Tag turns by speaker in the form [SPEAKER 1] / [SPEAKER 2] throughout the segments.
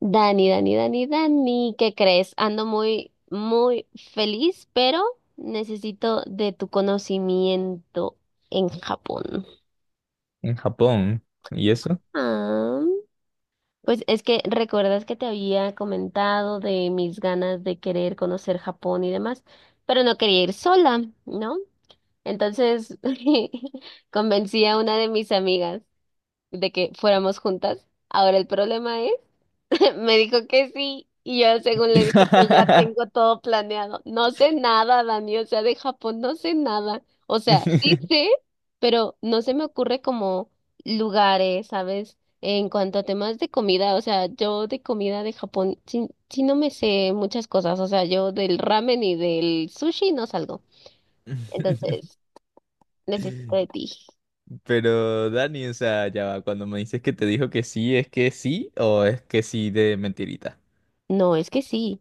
[SPEAKER 1] Dani, Dani, Dani, Dani, ¿qué crees? Ando muy, muy feliz, pero necesito de tu conocimiento en Japón.
[SPEAKER 2] En Japón. ¿Y eso?
[SPEAKER 1] Ah, pues es que recuerdas que te había comentado de mis ganas de querer conocer Japón y demás, pero no quería ir sola, ¿no? Entonces convencí a una de mis amigas de que fuéramos juntas. Ahora el problema es, me dijo que sí y yo según le dije que ya tengo todo planeado. No sé nada, Dani, o sea, de Japón no sé nada. O sea, sí sé, pero no se me ocurre como lugares, ¿sabes? En cuanto a temas de comida, o sea, yo de comida de Japón sí no me sé muchas cosas, o sea, yo del ramen y del sushi no salgo. Entonces, necesito de ti.
[SPEAKER 2] Pero Dani, o sea, ya va, cuando me dices que te dijo que sí, ¿es que sí o es que sí de mentirita?
[SPEAKER 1] No, es que sí,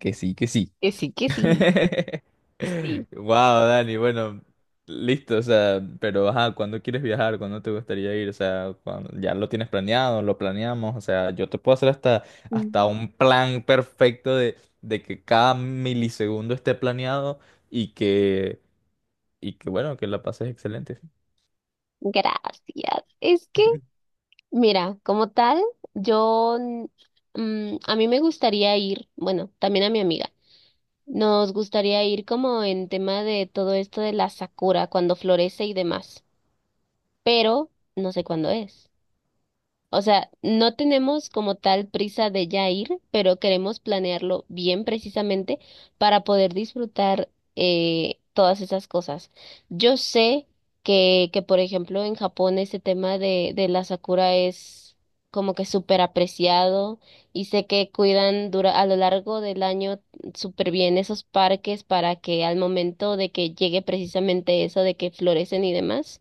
[SPEAKER 2] Que sí, que sí.
[SPEAKER 1] que sí, que sí, sí.
[SPEAKER 2] Wow, Dani, bueno, listo, o sea, pero ajá, ¿cuándo quieres viajar? ¿Cuándo te gustaría ir? O sea, ¿ya lo tienes planeado? ¿Lo planeamos? O sea, yo te puedo hacer hasta
[SPEAKER 1] Mm.
[SPEAKER 2] un plan perfecto de que cada milisegundo esté planeado y que y que bueno, que la pases excelente.
[SPEAKER 1] Gracias. Es que mira, como tal, yo, a mí me gustaría ir, bueno, también a mi amiga, nos gustaría ir como en tema de todo esto de la sakura, cuando florece y demás, pero no sé cuándo es. O sea, no tenemos como tal prisa de ya ir, pero queremos planearlo bien precisamente para poder disfrutar todas esas cosas. Yo sé por ejemplo, en Japón ese tema de la sakura es como que súper apreciado y sé que cuidan dura, a lo largo del año súper bien esos parques para que al momento de que llegue precisamente eso de que florecen y demás,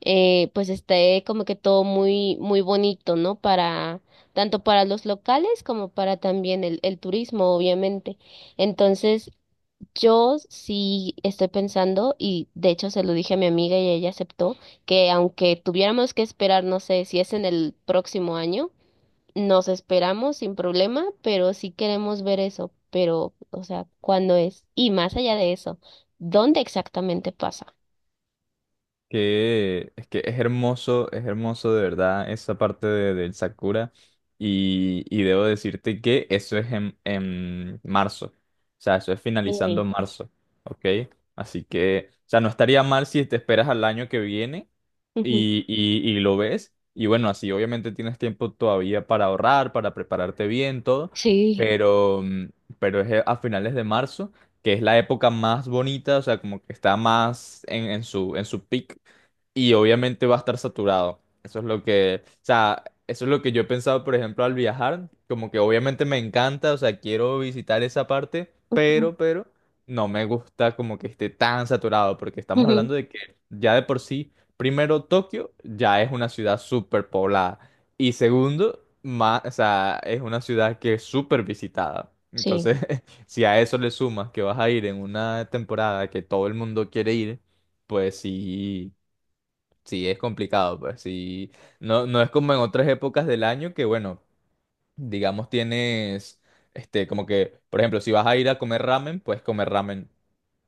[SPEAKER 1] pues esté como que todo muy, muy bonito, ¿no? Para, tanto para los locales como para también el turismo, obviamente. Entonces, yo sí estoy pensando, y de hecho se lo dije a mi amiga y ella aceptó, que aunque tuviéramos que esperar, no sé, si es en el próximo año, nos esperamos sin problema, pero sí queremos ver eso. Pero, o sea, ¿cuándo es? Y más allá de eso, ¿dónde exactamente pasa?
[SPEAKER 2] Que es hermoso de verdad esa parte del Sakura. Y debo decirte que eso es en marzo. O sea, eso es finalizando
[SPEAKER 1] Sí.
[SPEAKER 2] marzo. ¿Ok? Así que, o sea, no estaría mal si te esperas al año que viene
[SPEAKER 1] Ujú.
[SPEAKER 2] y lo ves. Y bueno, así obviamente tienes tiempo todavía para ahorrar, para prepararte bien, todo.
[SPEAKER 1] Sí.
[SPEAKER 2] Pero, pero es a finales de marzo, que es la época más bonita, o sea, como que está más en su peak. Y obviamente va a estar saturado. Eso es lo que, o sea, eso es lo que yo he pensado, por ejemplo, al viajar. Como que obviamente me encanta, o sea, quiero visitar esa parte, no me gusta como que esté tan saturado, porque estamos
[SPEAKER 1] Ujú.
[SPEAKER 2] hablando de que ya de por sí. Primero, Tokio ya es una ciudad súper poblada. Y segundo, o sea, es una ciudad que es súper visitada.
[SPEAKER 1] Sí,
[SPEAKER 2] Entonces, si a eso le sumas que vas a ir en una temporada que todo el mundo quiere ir, pues sí es complicado. Pues sí, no, no es como en otras épocas del año que, bueno, digamos tienes, como que, por ejemplo, si vas a ir a comer ramen, pues comer ramen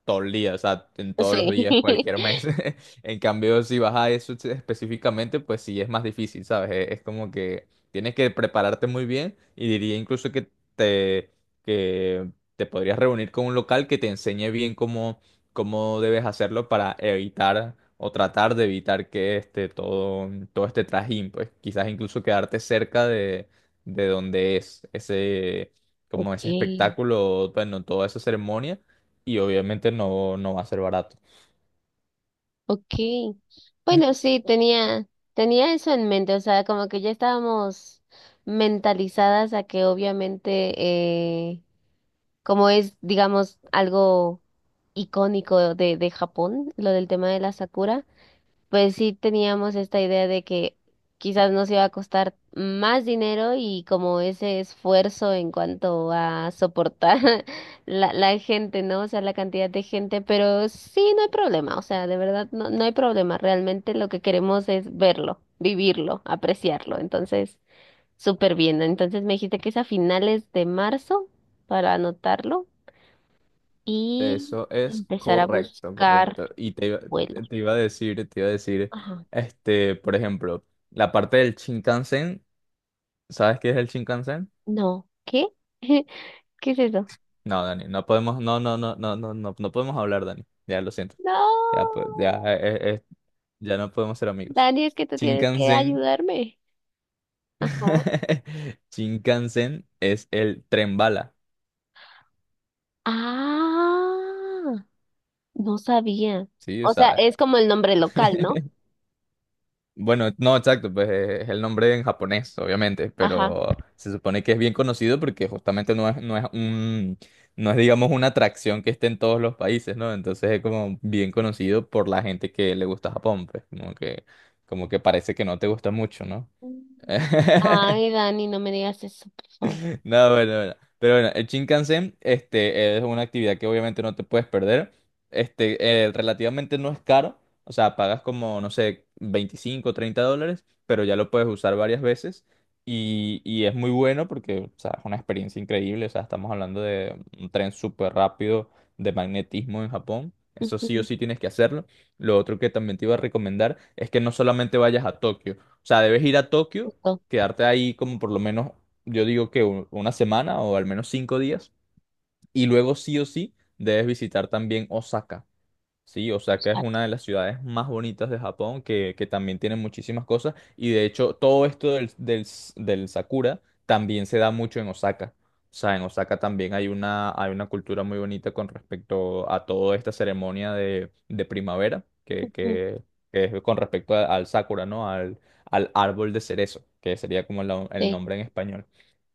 [SPEAKER 2] todo el día, o sea, en todos los
[SPEAKER 1] sí.
[SPEAKER 2] días, cualquier mes. En cambio, si vas a eso específicamente, pues sí es más difícil, ¿sabes? Es como que tienes que prepararte muy bien y diría incluso que te, que te podrías reunir con un local que te enseñe bien cómo debes hacerlo para evitar o tratar de evitar que todo este trajín, pues quizás incluso quedarte cerca de donde es ese, como ese
[SPEAKER 1] Okay,
[SPEAKER 2] espectáculo, bueno, toda esa ceremonia y obviamente no, no va a ser barato.
[SPEAKER 1] okay. Bueno, sí, tenía, tenía eso en mente, o sea, como que ya estábamos mentalizadas a que obviamente, como es, digamos, algo icónico de Japón, lo del tema de la Sakura, pues sí teníamos esta idea de que quizás nos iba a costar más dinero y como ese esfuerzo en cuanto a soportar la gente, ¿no? O sea, la cantidad de gente, pero sí, no hay problema, o sea, de verdad, no, no hay problema, realmente lo que queremos es verlo, vivirlo, apreciarlo, entonces, súper bien. ¿No? Entonces me dijiste que es a finales de marzo para anotarlo y
[SPEAKER 2] Eso es
[SPEAKER 1] empezar a
[SPEAKER 2] correcto,
[SPEAKER 1] buscar
[SPEAKER 2] correcto. Y
[SPEAKER 1] vuelo.
[SPEAKER 2] te iba a decir,
[SPEAKER 1] Ajá.
[SPEAKER 2] este, por ejemplo, la parte del Shinkansen, ¿sabes qué es el Shinkansen?
[SPEAKER 1] No, ¿qué? ¿Qué es eso?
[SPEAKER 2] No, Dani, no podemos, no, no, no, no, no, no, no podemos hablar, Dani. Ya lo siento. Ya, pues,
[SPEAKER 1] No,
[SPEAKER 2] ya, ya no podemos ser amigos.
[SPEAKER 1] Dani, es que tú tienes que
[SPEAKER 2] Shinkansen,
[SPEAKER 1] ayudarme. Ajá.
[SPEAKER 2] Shinkansen es el tren bala,
[SPEAKER 1] Ah, no sabía.
[SPEAKER 2] ¿sí? O
[SPEAKER 1] O sea,
[SPEAKER 2] sea,
[SPEAKER 1] es como el nombre local, ¿no?
[SPEAKER 2] bueno, no, exacto, pues es el nombre en japonés, obviamente,
[SPEAKER 1] Ajá.
[SPEAKER 2] pero se supone que es bien conocido porque justamente no es no es, digamos, una atracción que esté en todos los países, ¿no? Entonces es como bien conocido por la gente que le gusta Japón, como que parece que no te gusta mucho, ¿no?
[SPEAKER 1] Mm. Ay, Dani, no me digas eso, por favor.
[SPEAKER 2] No, bueno, bueno. Pero bueno, el Shinkansen este, es una actividad que obviamente no te puedes perder. Relativamente no es caro. O sea, pagas como, no sé, 25 o $30, pero ya lo puedes usar varias veces. Y es muy bueno porque, o sea, es una experiencia increíble. O sea, estamos hablando de un tren súper rápido de magnetismo en Japón. Eso sí o
[SPEAKER 1] Ujú.
[SPEAKER 2] sí tienes que hacerlo. Lo otro que también te iba a recomendar es que no solamente vayas a Tokio. O sea, debes ir a Tokio,
[SPEAKER 1] Justo,
[SPEAKER 2] quedarte ahí como por lo menos yo digo que una semana o al menos 5 días. Y luego sí o sí debes visitar también Osaka. Sí, Osaka es
[SPEAKER 1] exacto.
[SPEAKER 2] una de las ciudades más bonitas de Japón, que también tiene muchísimas cosas. Y de hecho, todo esto del Sakura también se da mucho en Osaka. O sea, en Osaka también hay hay una cultura muy bonita con respecto a toda esta ceremonia de primavera,
[SPEAKER 1] Ujú.
[SPEAKER 2] que es con respecto al Sakura, ¿no? Al, al árbol de cerezo, que sería como el
[SPEAKER 1] Sí.
[SPEAKER 2] nombre en español.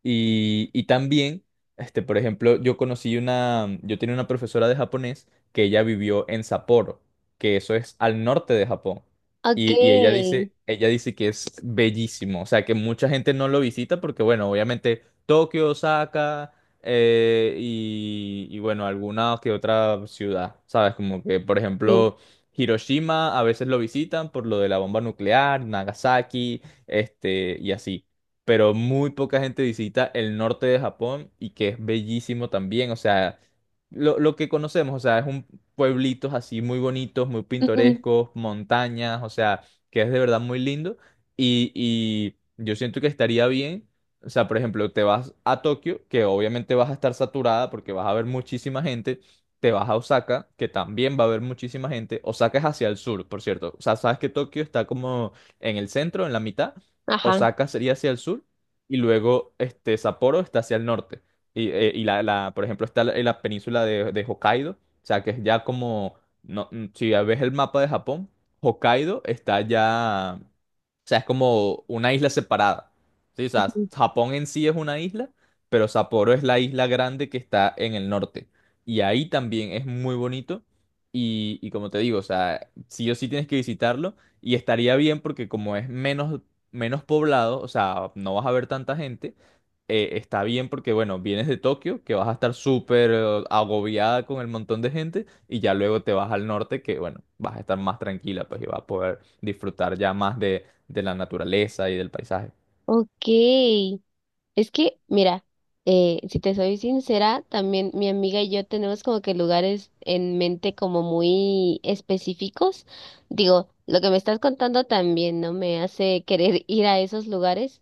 [SPEAKER 2] Y también, este, por ejemplo, yo tenía una profesora de japonés que ella vivió en Sapporo, que eso es al norte de Japón.
[SPEAKER 1] Ok,
[SPEAKER 2] Y ella dice que es bellísimo, o sea, que mucha gente no lo visita porque, bueno, obviamente Tokio, Osaka, bueno, alguna que otra ciudad, ¿sabes? Como que, por
[SPEAKER 1] sí.
[SPEAKER 2] ejemplo, Hiroshima a veces lo visitan por lo de la bomba nuclear, Nagasaki, y así, pero muy poca gente visita el norte de Japón y que es bellísimo también. O sea, lo que conocemos, o sea, es un, pueblitos así muy bonitos, muy
[SPEAKER 1] Ujú.
[SPEAKER 2] pintorescos, montañas, o sea, que es de verdad muy lindo. Y yo siento que estaría bien, o sea, por ejemplo, te vas a Tokio, que obviamente vas a estar saturada porque vas a ver muchísima gente, te vas a Osaka, que también va a haber muchísima gente. Osaka es hacia el sur, por cierto. O sea, sabes que Tokio está como en el centro, en la mitad.
[SPEAKER 1] Ajá.
[SPEAKER 2] Osaka sería hacia el sur y luego este Sapporo está hacia el norte. Y por ejemplo, está la península de Hokkaido, o sea, que es ya como, no, si ves el mapa de Japón, Hokkaido está ya, o sea, es como una isla separada. ¿Sí? O sea,
[SPEAKER 1] Ujú.
[SPEAKER 2] Japón en sí es una isla, pero Sapporo es la isla grande que está en el norte. Y ahí también es muy bonito. Y como te digo, o sea, sí o sí tienes que visitarlo. Y estaría bien porque como es menos poblado, o sea, no vas a ver tanta gente. Está bien porque, bueno, vienes de Tokio, que vas a estar súper agobiada con el montón de gente, y ya luego te vas al norte, que, bueno, vas a estar más tranquila, pues, y vas a poder disfrutar ya más de la naturaleza y del paisaje.
[SPEAKER 1] Ok. Es que, mira, si te soy sincera, también mi amiga y yo tenemos como que lugares en mente como muy específicos. Digo, lo que me estás contando también no me hace querer ir a esos lugares.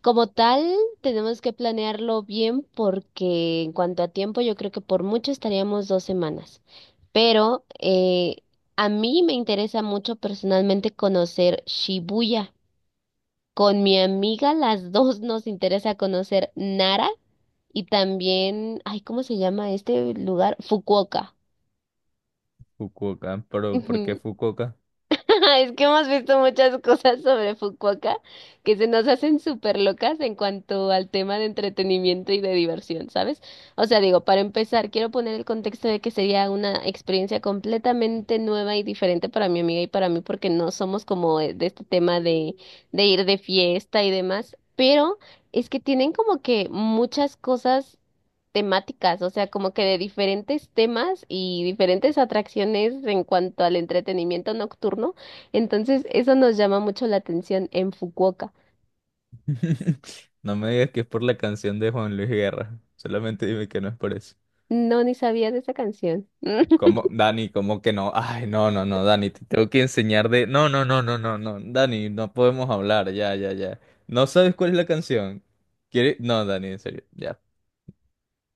[SPEAKER 1] Como tal, tenemos que planearlo bien porque en cuanto a tiempo, yo creo que por mucho estaríamos 2 semanas. Pero a mí me interesa mucho personalmente conocer Shibuya. Con mi amiga, las dos nos interesa conocer Nara y también, ay, ¿cómo se llama este lugar? Fukuoka.
[SPEAKER 2] Fukuoka, pero ¿por qué
[SPEAKER 1] Ujú.
[SPEAKER 2] Fukuoka?
[SPEAKER 1] Es que hemos visto muchas cosas sobre Fukuoka que se nos hacen súper locas en cuanto al tema de entretenimiento y de diversión, ¿sabes? O sea, digo, para empezar, quiero poner el contexto de que sería una experiencia completamente nueva y diferente para mi amiga y para mí, porque no somos como de este tema de ir de fiesta y demás, pero es que tienen como que muchas cosas temáticas, o sea, como que de diferentes temas y diferentes atracciones en cuanto al entretenimiento nocturno, entonces, eso nos llama mucho la atención en Fukuoka.
[SPEAKER 2] No me digas que es por la canción de Juan Luis Guerra. Solamente dime que no es por eso.
[SPEAKER 1] No, ni sabía de esa canción.
[SPEAKER 2] ¿Cómo, Dani? ¿Cómo que no? Ay, no, no, no, Dani, te tengo que enseñar de. No, no, no, no, no, no, Dani, no podemos hablar, ya, ya, ya. ¿No sabes cuál es la canción? Quiere no, Dani, en serio, ya.